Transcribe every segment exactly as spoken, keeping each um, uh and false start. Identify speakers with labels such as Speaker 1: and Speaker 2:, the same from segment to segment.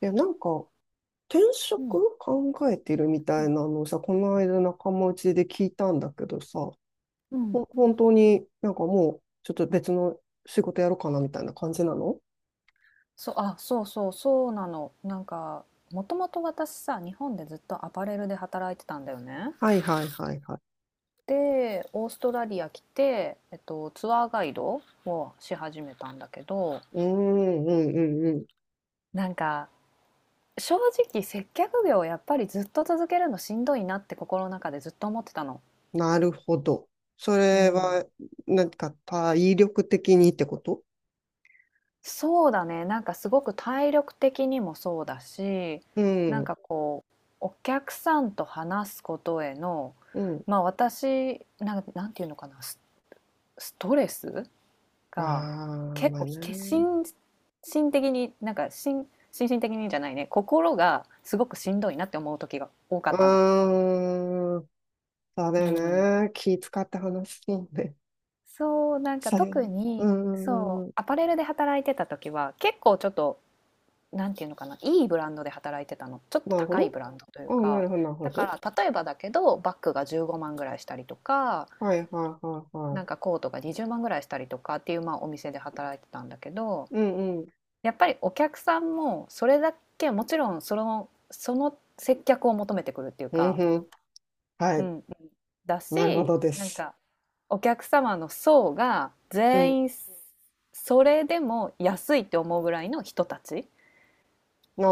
Speaker 1: いや、なんか、転
Speaker 2: うん、
Speaker 1: 職考えてるみ
Speaker 2: う
Speaker 1: たい
Speaker 2: ん、
Speaker 1: なのをさ、この間仲間内で聞いたんだけどさ、
Speaker 2: うん
Speaker 1: ほ本当になんかもう、ちょっと別の仕事やろうかなみたいな感じなの。
Speaker 2: そう、あ、そうそう、そうなの。なんか、もともと私さ、日本でずっとアパレルで働いてたんだよね。
Speaker 1: はいはいはいはい。
Speaker 2: で、オーストラリア来て、えっと、ツアーガイドをし始めたんだけど、
Speaker 1: うーんうんうんう
Speaker 2: なんか、正直接客業をやっぱりずっと続けるのしんどいなって心の中でずっと思ってたの。
Speaker 1: ん。なるほど。そ
Speaker 2: う
Speaker 1: れは、
Speaker 2: ん。
Speaker 1: なんか体力的にってこと。
Speaker 2: そうだね、なんかすごく体力的にもそうだし、
Speaker 1: う
Speaker 2: なん
Speaker 1: ん、
Speaker 2: かこう、お客さんと話すことへの、
Speaker 1: うん。
Speaker 2: まあ私、なんか、なんていうのかな、ス、ストレス
Speaker 1: ああ、
Speaker 2: が結
Speaker 1: まあ
Speaker 2: 構、け
Speaker 1: ね。
Speaker 2: 心身的に、なんか心、心身的にじゃないね、心がすごくしんどいなって思う時が多か
Speaker 1: う
Speaker 2: ったの。
Speaker 1: ーん、そうだ
Speaker 2: う
Speaker 1: よ
Speaker 2: ん、
Speaker 1: ね。気使って話すもんね。
Speaker 2: そうなんか
Speaker 1: さよ、
Speaker 2: 特
Speaker 1: う
Speaker 2: に
Speaker 1: ん
Speaker 2: そ
Speaker 1: う
Speaker 2: う
Speaker 1: ん。
Speaker 2: アパレルで働いてた時は結構ちょっとなんていうのかな、いいブランドで働いてたの。ちょっと
Speaker 1: なるほ
Speaker 2: 高い
Speaker 1: ど。
Speaker 2: ブランドという
Speaker 1: あ、な
Speaker 2: か、
Speaker 1: るほど、なるほ
Speaker 2: だ
Speaker 1: ど。
Speaker 2: から例えばだけど、バッグがじゅうごまんぐらいしたりとか、
Speaker 1: はい、はい、はい、は
Speaker 2: な
Speaker 1: い。
Speaker 2: んかコートがにじゅうまんぐらいしたりとかっていう、まあ、お店で働いてたんだけど、
Speaker 1: うん、うん。
Speaker 2: やっぱりお客さんもそれだけ、もちろんその、その接客を求めてくるっていう
Speaker 1: うん
Speaker 2: か、
Speaker 1: うん。は
Speaker 2: うんう
Speaker 1: い。
Speaker 2: ん、だ
Speaker 1: なるほ
Speaker 2: し、
Speaker 1: どで
Speaker 2: なん
Speaker 1: す。
Speaker 2: かお客様の層が
Speaker 1: うん。
Speaker 2: 全員それでも安いって思うぐらいの人たち
Speaker 1: あ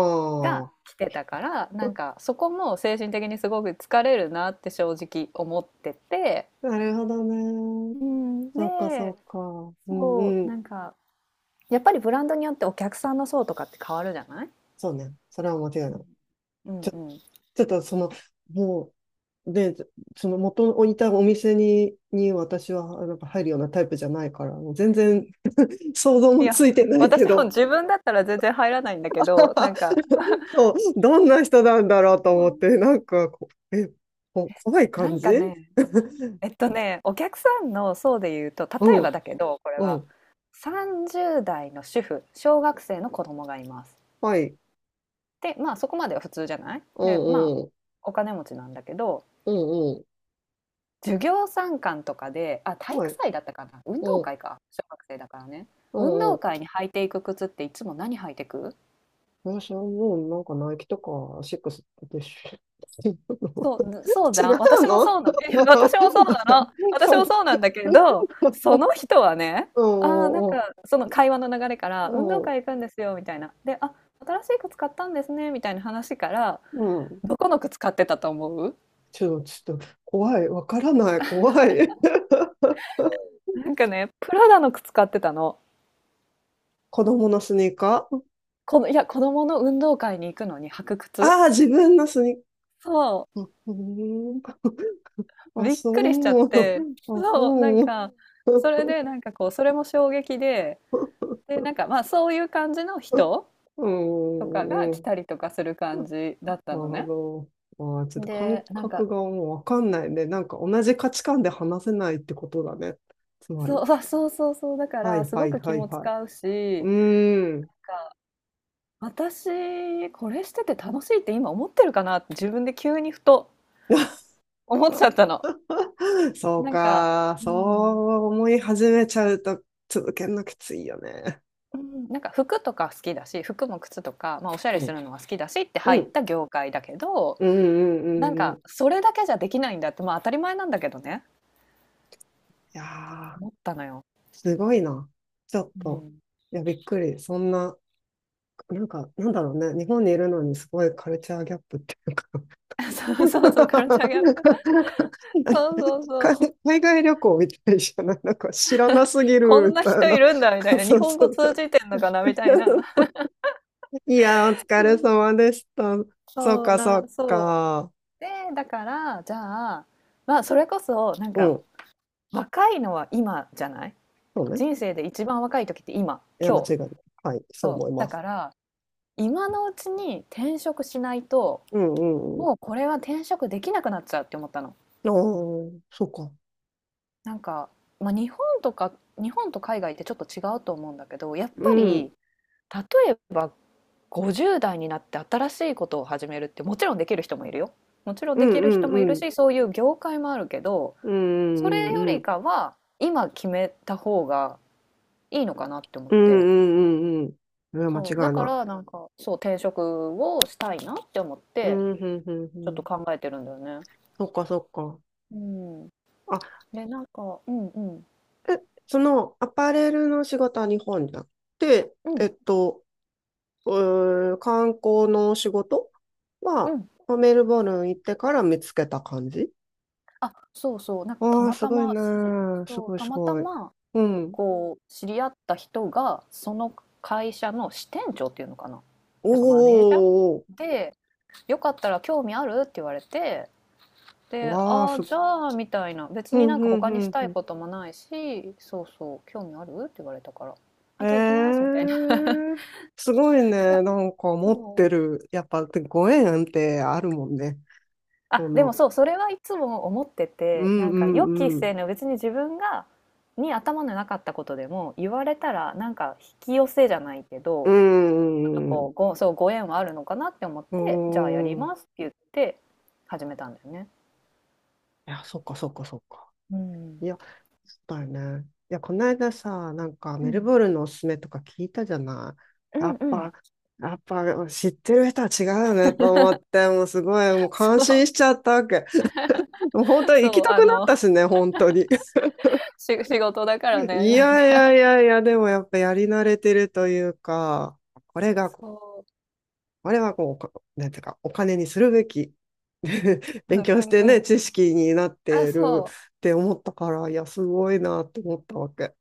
Speaker 2: が
Speaker 1: あ。
Speaker 2: 来てたから、なんか そこも精神的にすごく疲れるなって正直思ってて、
Speaker 1: なるほどね。
Speaker 2: うん。
Speaker 1: そうか、そ
Speaker 2: で、
Speaker 1: うか。う
Speaker 2: そ
Speaker 1: ん、う
Speaker 2: う
Speaker 1: ん。
Speaker 2: なんかやっぱりブランドによってお客さんの層とかって変わるじゃない。
Speaker 1: そうね。それは間違いない。
Speaker 2: うん
Speaker 1: ちょ、
Speaker 2: うん、い
Speaker 1: ちょっとその、もう、で、その元をいたお店に、に私はなんか入るようなタイプじゃないから、もう全然想像も
Speaker 2: や、
Speaker 1: ついてないけ
Speaker 2: 私も
Speaker 1: ど。
Speaker 2: 自分だったら全然入らないんだけど、なんか、
Speaker 1: そう、どんな人なんだろうと思って、なんかこ、え、こ、怖い
Speaker 2: な
Speaker 1: 感
Speaker 2: ん
Speaker 1: じ。
Speaker 2: かねえっとねお客さんの層で言うと、例
Speaker 1: う
Speaker 2: えば
Speaker 1: ん、
Speaker 2: だけど、これ
Speaker 1: う
Speaker 2: は
Speaker 1: ん、
Speaker 2: さんじゅう代の主婦、小学生の子供がいます。
Speaker 1: はい、
Speaker 2: で、まあそこまでは普通じゃない。
Speaker 1: う
Speaker 2: で、まあ
Speaker 1: んうん、
Speaker 2: お金持ちなんだけど、
Speaker 1: うんうん、
Speaker 2: 授業参観とかで、あ、体
Speaker 1: は
Speaker 2: 育
Speaker 1: い、
Speaker 2: 祭だったかな、運動
Speaker 1: うん、
Speaker 2: 会か、小学生だからね、
Speaker 1: う
Speaker 2: 運
Speaker 1: んう
Speaker 2: 動
Speaker 1: ん。
Speaker 2: 会に履いていく靴っていつも何履いてく？
Speaker 1: 私はもうなんかナイキとかシックスでしょ。
Speaker 2: そうそうじ
Speaker 1: 違
Speaker 2: ゃん、
Speaker 1: う
Speaker 2: 私も
Speaker 1: の。
Speaker 2: そうなの。 私もそうなの、 私
Speaker 1: そう。
Speaker 2: もそうなんだけど、そ の人はね、
Speaker 1: う
Speaker 2: あー、なん
Speaker 1: んう
Speaker 2: かその会話の流れから
Speaker 1: ん
Speaker 2: 運動
Speaker 1: う
Speaker 2: 会行くんですよみたいな。で、あ、新しい靴買ったんですねみたいな話から、
Speaker 1: んうん。
Speaker 2: どこの靴買ってたと思う？
Speaker 1: ちょっと、ちょっと、怖い。わからない。怖い。
Speaker 2: なんかね、プラダの靴買ってたの。
Speaker 1: 子供のスニーカー。
Speaker 2: この、いや、子供の運動会に行くのに履く靴。
Speaker 1: ああー、自分のスニ
Speaker 2: そ
Speaker 1: ーカー。うん、
Speaker 2: う、
Speaker 1: あ、
Speaker 2: びっくりしちゃっ
Speaker 1: そう。
Speaker 2: て、
Speaker 1: あ、
Speaker 2: そう、なん
Speaker 1: そう。
Speaker 2: か、それでなんかこう、それも衝撃で、で、なんかまあそういう感じの人
Speaker 1: う
Speaker 2: とかが
Speaker 1: ん。う
Speaker 2: 来
Speaker 1: ん。
Speaker 2: たりとかする感じだっ
Speaker 1: あ
Speaker 2: たのね。
Speaker 1: の、あー、ちょっと感
Speaker 2: で、なん
Speaker 1: 覚
Speaker 2: か、
Speaker 1: がもうわかんないね。なんか同じ価値観で話せないってことだね。つま
Speaker 2: そ
Speaker 1: り。
Speaker 2: う、あ、そうそうそう、だか
Speaker 1: は
Speaker 2: ら
Speaker 1: い
Speaker 2: す
Speaker 1: は
Speaker 2: ご
Speaker 1: い
Speaker 2: く気
Speaker 1: はい
Speaker 2: も
Speaker 1: はい。
Speaker 2: 使うし、
Speaker 1: うー
Speaker 2: な
Speaker 1: ん。
Speaker 2: んか、私、これしてて楽しいって今思ってるかなって自分で急にふと思っちゃった の。
Speaker 1: そう
Speaker 2: なんか、
Speaker 1: か。
Speaker 2: う
Speaker 1: そ
Speaker 2: ん。
Speaker 1: う思い始めちゃうと続けるのきついよね。
Speaker 2: うん、なんか服とか好きだし、服も靴とか、まあ、おしゃ
Speaker 1: う
Speaker 2: れす
Speaker 1: ん。
Speaker 2: るのは好きだしって
Speaker 1: う
Speaker 2: 入っ
Speaker 1: ん。
Speaker 2: た業界だけど、
Speaker 1: うんうんう
Speaker 2: なん
Speaker 1: んうん。
Speaker 2: か
Speaker 1: い
Speaker 2: それだけじゃできないんだって、まあ、当たり前なんだけどね、
Speaker 1: やー、
Speaker 2: 思ったのよ。
Speaker 1: すごいな。ちょっ
Speaker 2: う
Speaker 1: と。
Speaker 2: ん。
Speaker 1: いや、びっくり。そんな。なんか、なんだろうね。日本にいるのにすごいカルチャーギャップっていうか。
Speaker 2: そうそうそう、カルチャーギャップ。そうそうそ
Speaker 1: 海
Speaker 2: う。
Speaker 1: 海外旅行みたいじゃない、なんか知らなすぎ
Speaker 2: こ
Speaker 1: る
Speaker 2: ん
Speaker 1: み
Speaker 2: な
Speaker 1: たい
Speaker 2: 人い
Speaker 1: な。
Speaker 2: るんだみたい な、
Speaker 1: そ
Speaker 2: 日
Speaker 1: う
Speaker 2: 本
Speaker 1: そ
Speaker 2: 語
Speaker 1: う。
Speaker 2: 通じてんのかなみたいな。
Speaker 1: いや、お 疲
Speaker 2: そ
Speaker 1: れ
Speaker 2: う、
Speaker 1: 様でした。そう
Speaker 2: そう
Speaker 1: か、そ
Speaker 2: な、
Speaker 1: う
Speaker 2: そ
Speaker 1: か。
Speaker 2: う。で、だからじゃあ、まあ、それこそなん
Speaker 1: う
Speaker 2: か
Speaker 1: ん。
Speaker 2: 若いのは今じゃない？
Speaker 1: そうね。
Speaker 2: 人生で一番若い時って今、
Speaker 1: いや、間違
Speaker 2: 今日。
Speaker 1: いない。はい、そう
Speaker 2: そ
Speaker 1: 思
Speaker 2: う、
Speaker 1: いま
Speaker 2: だ
Speaker 1: す。
Speaker 2: から今のうちに転職しないと、
Speaker 1: うんうんうん。
Speaker 2: もうこれは転職できなくなっちゃうって思ったの。
Speaker 1: ああ、そうか。
Speaker 2: なんか、まあ、日本とか、日本と海外ってちょっと違うと思うんだけど、やっ
Speaker 1: う
Speaker 2: ぱ
Speaker 1: ん。うん
Speaker 2: り例えばごじゅう代になって新しいことを始めるって、もちろんできる人もいるよ。もちろん
Speaker 1: う
Speaker 2: できる人
Speaker 1: ん
Speaker 2: もいる
Speaker 1: うん。
Speaker 2: し、そういう業界もあるけど、
Speaker 1: うんう
Speaker 2: それ
Speaker 1: んう
Speaker 2: よ
Speaker 1: んう
Speaker 2: り
Speaker 1: ん。
Speaker 2: かは今決めた方がいいのかなって思っ
Speaker 1: うん
Speaker 2: て。
Speaker 1: うんうんうん。いや、間
Speaker 2: そうだ
Speaker 1: 違い
Speaker 2: か
Speaker 1: な
Speaker 2: ら
Speaker 1: い。
Speaker 2: なんかそう、転職をしたいなって思っ
Speaker 1: う
Speaker 2: て、
Speaker 1: ん、うん、うん、う
Speaker 2: ちょっと
Speaker 1: ん。
Speaker 2: 考えてるんだよね。
Speaker 1: そっか、そっか。
Speaker 2: うん。
Speaker 1: あ、
Speaker 2: で、なんかうんうん。
Speaker 1: え、その、アパレルの仕事は日本じゃなくて、
Speaker 2: う
Speaker 1: え
Speaker 2: ん
Speaker 1: っと、うー観光の仕事
Speaker 2: う
Speaker 1: は、
Speaker 2: ん。
Speaker 1: まあメルボルン行ってから見つけた感じ。
Speaker 2: あ、そうそう、なんかた
Speaker 1: ああー、
Speaker 2: ま
Speaker 1: す
Speaker 2: た
Speaker 1: ごいね。
Speaker 2: まし
Speaker 1: す
Speaker 2: そう、
Speaker 1: ごい、
Speaker 2: た
Speaker 1: す
Speaker 2: また
Speaker 1: ごい。
Speaker 2: ま、
Speaker 1: うん。
Speaker 2: こう、知り合った人が、その会社の支店長っていうのかな、なんかマネ
Speaker 1: おー
Speaker 2: ージャー？
Speaker 1: おー
Speaker 2: で、「よかったら興味ある？」って言われて、
Speaker 1: おーおー
Speaker 2: で、
Speaker 1: わあ、
Speaker 2: 「ああ、
Speaker 1: すご
Speaker 2: じ
Speaker 1: い。
Speaker 2: ゃあ」みたいな、別
Speaker 1: う
Speaker 2: に
Speaker 1: ん、
Speaker 2: なんか
Speaker 1: うん、
Speaker 2: 他
Speaker 1: う
Speaker 2: にし
Speaker 1: ん、
Speaker 2: た
Speaker 1: う
Speaker 2: い
Speaker 1: ん。
Speaker 2: こともないし、そうそう、「興味ある？」って言われたから、「あ、じゃあ行きます」み
Speaker 1: ええ
Speaker 2: たいな。
Speaker 1: ー、すごいね。なんか
Speaker 2: そ
Speaker 1: 持って
Speaker 2: う。
Speaker 1: る。やっぱ、ご縁ってあるもんね。
Speaker 2: あ、
Speaker 1: そ
Speaker 2: でも
Speaker 1: の、
Speaker 2: そう、それはいつも思って
Speaker 1: う
Speaker 2: て、なんか予期
Speaker 1: んうん、
Speaker 2: せぬ、別に自分が、に頭のなかったことでも、言われたら、なんか引き寄せじゃないけ
Speaker 1: うー
Speaker 2: ど、ちょっと
Speaker 1: ん。
Speaker 2: こ
Speaker 1: う
Speaker 2: う、ご、そう、ご縁はあるのかなって思っ
Speaker 1: ー
Speaker 2: て、じゃあやり
Speaker 1: ん。い
Speaker 2: ますって言って、始めたんだよね。
Speaker 1: や、そっかそっかそっか。
Speaker 2: うん。
Speaker 1: いや、そうだよね。いや、この間さ、なんか
Speaker 2: う
Speaker 1: メル
Speaker 2: ん。
Speaker 1: ボルンのおすすめとか聞いたじゃな
Speaker 2: う
Speaker 1: い。や
Speaker 2: ん
Speaker 1: っ
Speaker 2: うん。
Speaker 1: ぱ、やっぱ知ってる人は違うよねと思って、もうすごい、もう
Speaker 2: そ
Speaker 1: 感心
Speaker 2: う、
Speaker 1: しちゃったわけ。もう本当に行き
Speaker 2: そう、
Speaker 1: たく
Speaker 2: あ
Speaker 1: なっ
Speaker 2: の、
Speaker 1: たしね、本当に。
Speaker 2: し仕事だか
Speaker 1: い
Speaker 2: らね、なん
Speaker 1: やい
Speaker 2: か、
Speaker 1: やいやいや、でもやっぱやり慣れてるというか、これが
Speaker 2: そ
Speaker 1: あれはこう、おかなんていうか、お金にするべき。
Speaker 2: う、う
Speaker 1: 勉
Speaker 2: んう
Speaker 1: 強し
Speaker 2: ん
Speaker 1: て
Speaker 2: うん
Speaker 1: ね、
Speaker 2: うん。
Speaker 1: 知識になっ
Speaker 2: あ、
Speaker 1: てる
Speaker 2: そ
Speaker 1: っ
Speaker 2: う。
Speaker 1: て思ったから、いや、すごいなって思ったわけ。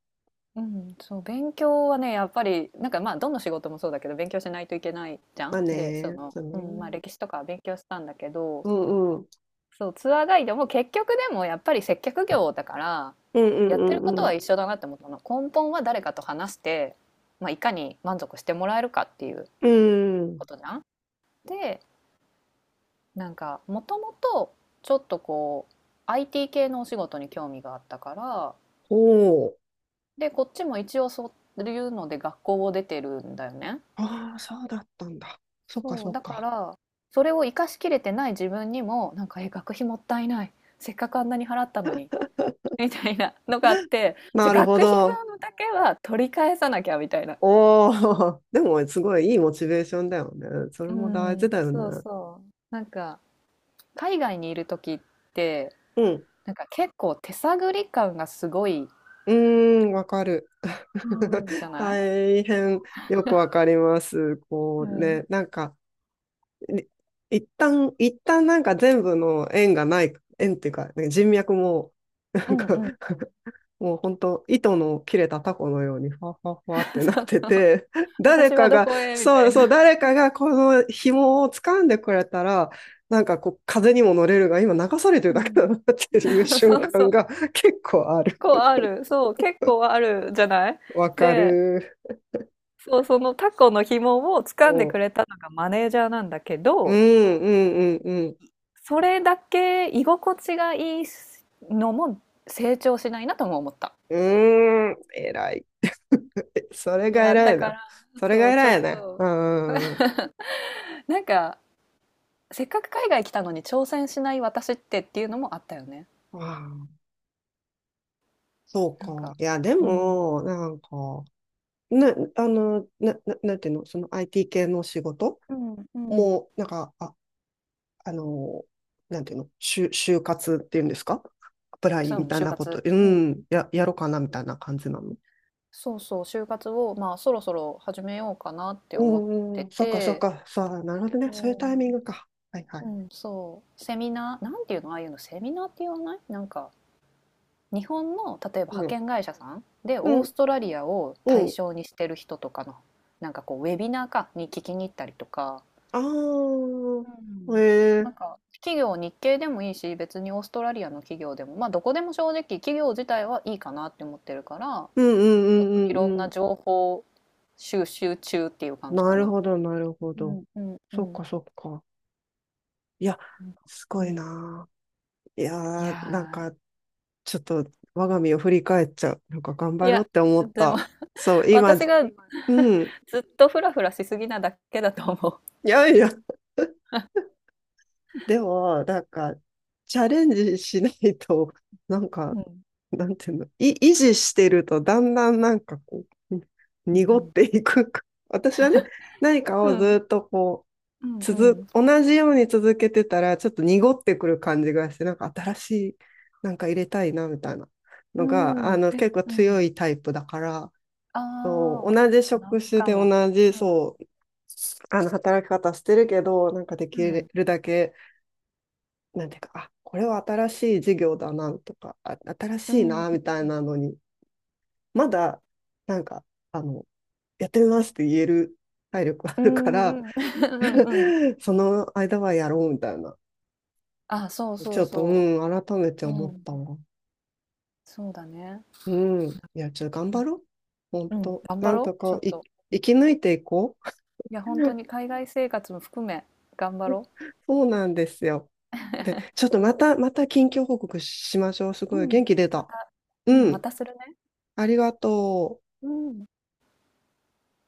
Speaker 2: うん、そう、勉強はね、やっぱり、なんかまあ、どの仕事もそうだけど、勉強しないといけないじゃ
Speaker 1: まあ
Speaker 2: ん。で、そ
Speaker 1: ね、
Speaker 2: の、
Speaker 1: そう
Speaker 2: うん、まあ、
Speaker 1: ね。
Speaker 2: 歴史とかは勉強したんだけど、
Speaker 1: うんうん。
Speaker 2: そう、ツアーガイドも結局でもやっぱり接客業だから、
Speaker 1: うんう
Speaker 2: やってること
Speaker 1: んう
Speaker 2: は
Speaker 1: ん
Speaker 2: 一緒だなって思ったの。根本は誰かと話して、まあ、いかに満足してもらえるかっていう
Speaker 1: うん。うん。
Speaker 2: ことじゃん。で、なんか、もともと、ちょっとこう、アイティー 系のお仕事に興味があったから、
Speaker 1: おお。
Speaker 2: で、こっちも一応そういうので学校を出てるんだよね。
Speaker 1: ああ、そうだったんだ。そっか
Speaker 2: そ
Speaker 1: そ
Speaker 2: う、
Speaker 1: っ
Speaker 2: だか
Speaker 1: か。
Speaker 2: ら、それを生かしきれてない自分にも、なんか、え、学費もったいない。せっかくあんなに払ったのに。みたいなのがあって、じ
Speaker 1: な
Speaker 2: ゃ、
Speaker 1: るほ
Speaker 2: 学費
Speaker 1: ど。
Speaker 2: 分だけは取り返さなきゃみたいな。
Speaker 1: おお。でも、すごいいいモチベーションだよね。それ
Speaker 2: う
Speaker 1: も大事
Speaker 2: ん、
Speaker 1: だよね。
Speaker 2: そうそう。なんか、海外にいる時って、
Speaker 1: うん。
Speaker 2: なんか結構手探り感がすごい、
Speaker 1: うーん、わかる。
Speaker 2: うん。じゃ ない？
Speaker 1: 大変よくわかります。
Speaker 2: う
Speaker 1: こう
Speaker 2: ん。
Speaker 1: ね、なんか、い、一旦、一旦なんか全部の縁がない、縁っていうか、ね人脈も、な
Speaker 2: う
Speaker 1: ん
Speaker 2: ん
Speaker 1: か、
Speaker 2: うんうん。
Speaker 1: もう本当、糸の切れたタコのように、ファファファって なっ
Speaker 2: そう
Speaker 1: て
Speaker 2: そう。
Speaker 1: て、誰
Speaker 2: 私
Speaker 1: か
Speaker 2: はど
Speaker 1: が、
Speaker 2: こへみた
Speaker 1: そう
Speaker 2: い
Speaker 1: そう、
Speaker 2: な。
Speaker 1: 誰かがこの紐を掴んでくれたら、なんかこう、風にも乗れるが、今流されてる
Speaker 2: う
Speaker 1: だけ
Speaker 2: ん。
Speaker 1: だなっていう 瞬
Speaker 2: そうそ
Speaker 1: 間
Speaker 2: う。
Speaker 1: が 結構ある。
Speaker 2: こうある。そう、結構あるじゃない？
Speaker 1: わか
Speaker 2: で、
Speaker 1: る。
Speaker 2: そう、そのタコの紐を掴んで
Speaker 1: お、う
Speaker 2: く
Speaker 1: ん
Speaker 2: れたのがマネージャーなんだけ
Speaker 1: うん
Speaker 2: ど、
Speaker 1: うん
Speaker 2: それだけ居心地がいいのも成長しないなとも思った。
Speaker 1: うん。うーん、偉い。それ
Speaker 2: い
Speaker 1: が
Speaker 2: や、
Speaker 1: 偉
Speaker 2: だ
Speaker 1: い
Speaker 2: か
Speaker 1: な。
Speaker 2: ら、
Speaker 1: それ
Speaker 2: そ
Speaker 1: が
Speaker 2: う、ちょっ
Speaker 1: 偉いね。う
Speaker 2: と、
Speaker 1: んうんうん。
Speaker 2: なんか、せっかく海外来たのに挑戦しない私ってっていうのもあったよね。
Speaker 1: ああ、そう
Speaker 2: なん
Speaker 1: か。
Speaker 2: か、
Speaker 1: いや、で
Speaker 2: うん、
Speaker 1: も、なんか、な、あの、な、な、なんていうの、その アイティー 系の仕事
Speaker 2: うん、うん、
Speaker 1: もう、なんか、あ、あの、なんていうの、就、就活っていうんですか、アプライ
Speaker 2: そう、
Speaker 1: みたい
Speaker 2: 就
Speaker 1: なこと、
Speaker 2: 活。
Speaker 1: う
Speaker 2: うん。
Speaker 1: ん、や、やろうかなみたいな感じなの。
Speaker 2: そうそう、就活を、まあ、そろそろ始めようかなって
Speaker 1: う
Speaker 2: 思っ
Speaker 1: んうん
Speaker 2: て
Speaker 1: うん、そっかそっ
Speaker 2: て、
Speaker 1: か、そう、なるほどね。
Speaker 2: う
Speaker 1: そういうタイミン
Speaker 2: ん
Speaker 1: グか。はいは
Speaker 2: う
Speaker 1: い。
Speaker 2: ん、そう、セミナー、なんていうの、ああいうの、セミナーって言わない、なんか、日本の、例えば派
Speaker 1: うん。
Speaker 2: 遣会社さんで、
Speaker 1: う
Speaker 2: オー
Speaker 1: ん
Speaker 2: ストラリアを
Speaker 1: う
Speaker 2: 対
Speaker 1: ん。
Speaker 2: 象にしてる人とかの、なんかこう、ウェビナーか、に聞きに行ったりとか、
Speaker 1: あ
Speaker 2: う
Speaker 1: あ、へ
Speaker 2: ん、な
Speaker 1: え。
Speaker 2: んか、企業、日系でもいいし、別にオーストラリアの企業でも、まあ、どこでも正直、企業自体はいいかなって思ってるから、
Speaker 1: うんうんう
Speaker 2: ちょっ
Speaker 1: んう
Speaker 2: とい
Speaker 1: ん
Speaker 2: ろん
Speaker 1: う
Speaker 2: な
Speaker 1: ん。
Speaker 2: 情報収集中っていう感じ
Speaker 1: な
Speaker 2: か
Speaker 1: る
Speaker 2: な。
Speaker 1: ほど、なるほ
Speaker 2: う
Speaker 1: ど。
Speaker 2: んうんう
Speaker 1: そっ
Speaker 2: ん。
Speaker 1: かそっか。いや、
Speaker 2: なんか
Speaker 1: す
Speaker 2: う
Speaker 1: ごい
Speaker 2: ん
Speaker 1: なあ。い
Speaker 2: い
Speaker 1: やー、なん
Speaker 2: や
Speaker 1: か、ちょっと、我が身を振り返っちゃう。なんか、頑
Speaker 2: ー
Speaker 1: 張
Speaker 2: い
Speaker 1: ろう
Speaker 2: や、
Speaker 1: って思っ
Speaker 2: でも
Speaker 1: た。そう、今、
Speaker 2: 私が
Speaker 1: うん。
Speaker 2: ずっとフラフラしすぎなだけだと思
Speaker 1: いやいや。でも、なんか、チャレンジしないと、なん
Speaker 2: う。
Speaker 1: か、
Speaker 2: うん。
Speaker 1: なんていうの、い、維持してると、だんだんなんかこう、に
Speaker 2: う
Speaker 1: 濁っ
Speaker 2: ん
Speaker 1: ていく。私はね、何か
Speaker 2: う
Speaker 1: を
Speaker 2: ん。
Speaker 1: ずっとこう、
Speaker 2: うんう
Speaker 1: 続、
Speaker 2: ん。
Speaker 1: 同じように続けてたら、ちょっと濁ってくる感じがして、なんか新しい、なんか入れたいな、みたいな
Speaker 2: う
Speaker 1: のが、
Speaker 2: ん。う
Speaker 1: あ
Speaker 2: ーん。
Speaker 1: の、
Speaker 2: え、
Speaker 1: 結構
Speaker 2: う
Speaker 1: 強
Speaker 2: ん。
Speaker 1: いタイプだから、
Speaker 2: あ
Speaker 1: そう
Speaker 2: あ、
Speaker 1: 同じ
Speaker 2: 同
Speaker 1: 職
Speaker 2: じ
Speaker 1: 種
Speaker 2: か
Speaker 1: で
Speaker 2: も。
Speaker 1: 同じ、
Speaker 2: うん。
Speaker 1: そう、あの、働き方してるけど、なんかで
Speaker 2: う
Speaker 1: き
Speaker 2: ん。
Speaker 1: るだけ、なんていうか、あ、これは新しい事業だなとか、あ、新
Speaker 2: う
Speaker 1: しい
Speaker 2: ん。
Speaker 1: なみたいなのに、まだ、なんか、あの、やってみますって言える体力あ
Speaker 2: う
Speaker 1: るか
Speaker 2: ん
Speaker 1: ら
Speaker 2: うん ーえうんああ同じかもうんうん。
Speaker 1: その間はやろうみたいな。
Speaker 2: あ、そうそ
Speaker 1: ち
Speaker 2: う
Speaker 1: ょっと、
Speaker 2: そ
Speaker 1: うん、改めて
Speaker 2: う。
Speaker 1: 思
Speaker 2: う
Speaker 1: っ
Speaker 2: ん。
Speaker 1: たわ。
Speaker 2: そうだね。
Speaker 1: うん。いや、ちょっと頑
Speaker 2: う
Speaker 1: 張
Speaker 2: ん。
Speaker 1: ろう。本当。
Speaker 2: 頑張
Speaker 1: なん
Speaker 2: ろう、
Speaker 1: と
Speaker 2: ちょ
Speaker 1: か
Speaker 2: っ
Speaker 1: い、
Speaker 2: と。
Speaker 1: 生き抜いていこ
Speaker 2: いや、
Speaker 1: う
Speaker 2: 本当 に海外生活も含め、頑張ろ
Speaker 1: そうなんですよ。で、ちょっとまた、また近況報告しましょう。す
Speaker 2: う。
Speaker 1: ごい
Speaker 2: う
Speaker 1: 元
Speaker 2: ん。
Speaker 1: 気出
Speaker 2: ま
Speaker 1: た。
Speaker 2: た、うん、
Speaker 1: う
Speaker 2: ま
Speaker 1: ん。
Speaker 2: たするね。
Speaker 1: ありがとう。
Speaker 2: うん。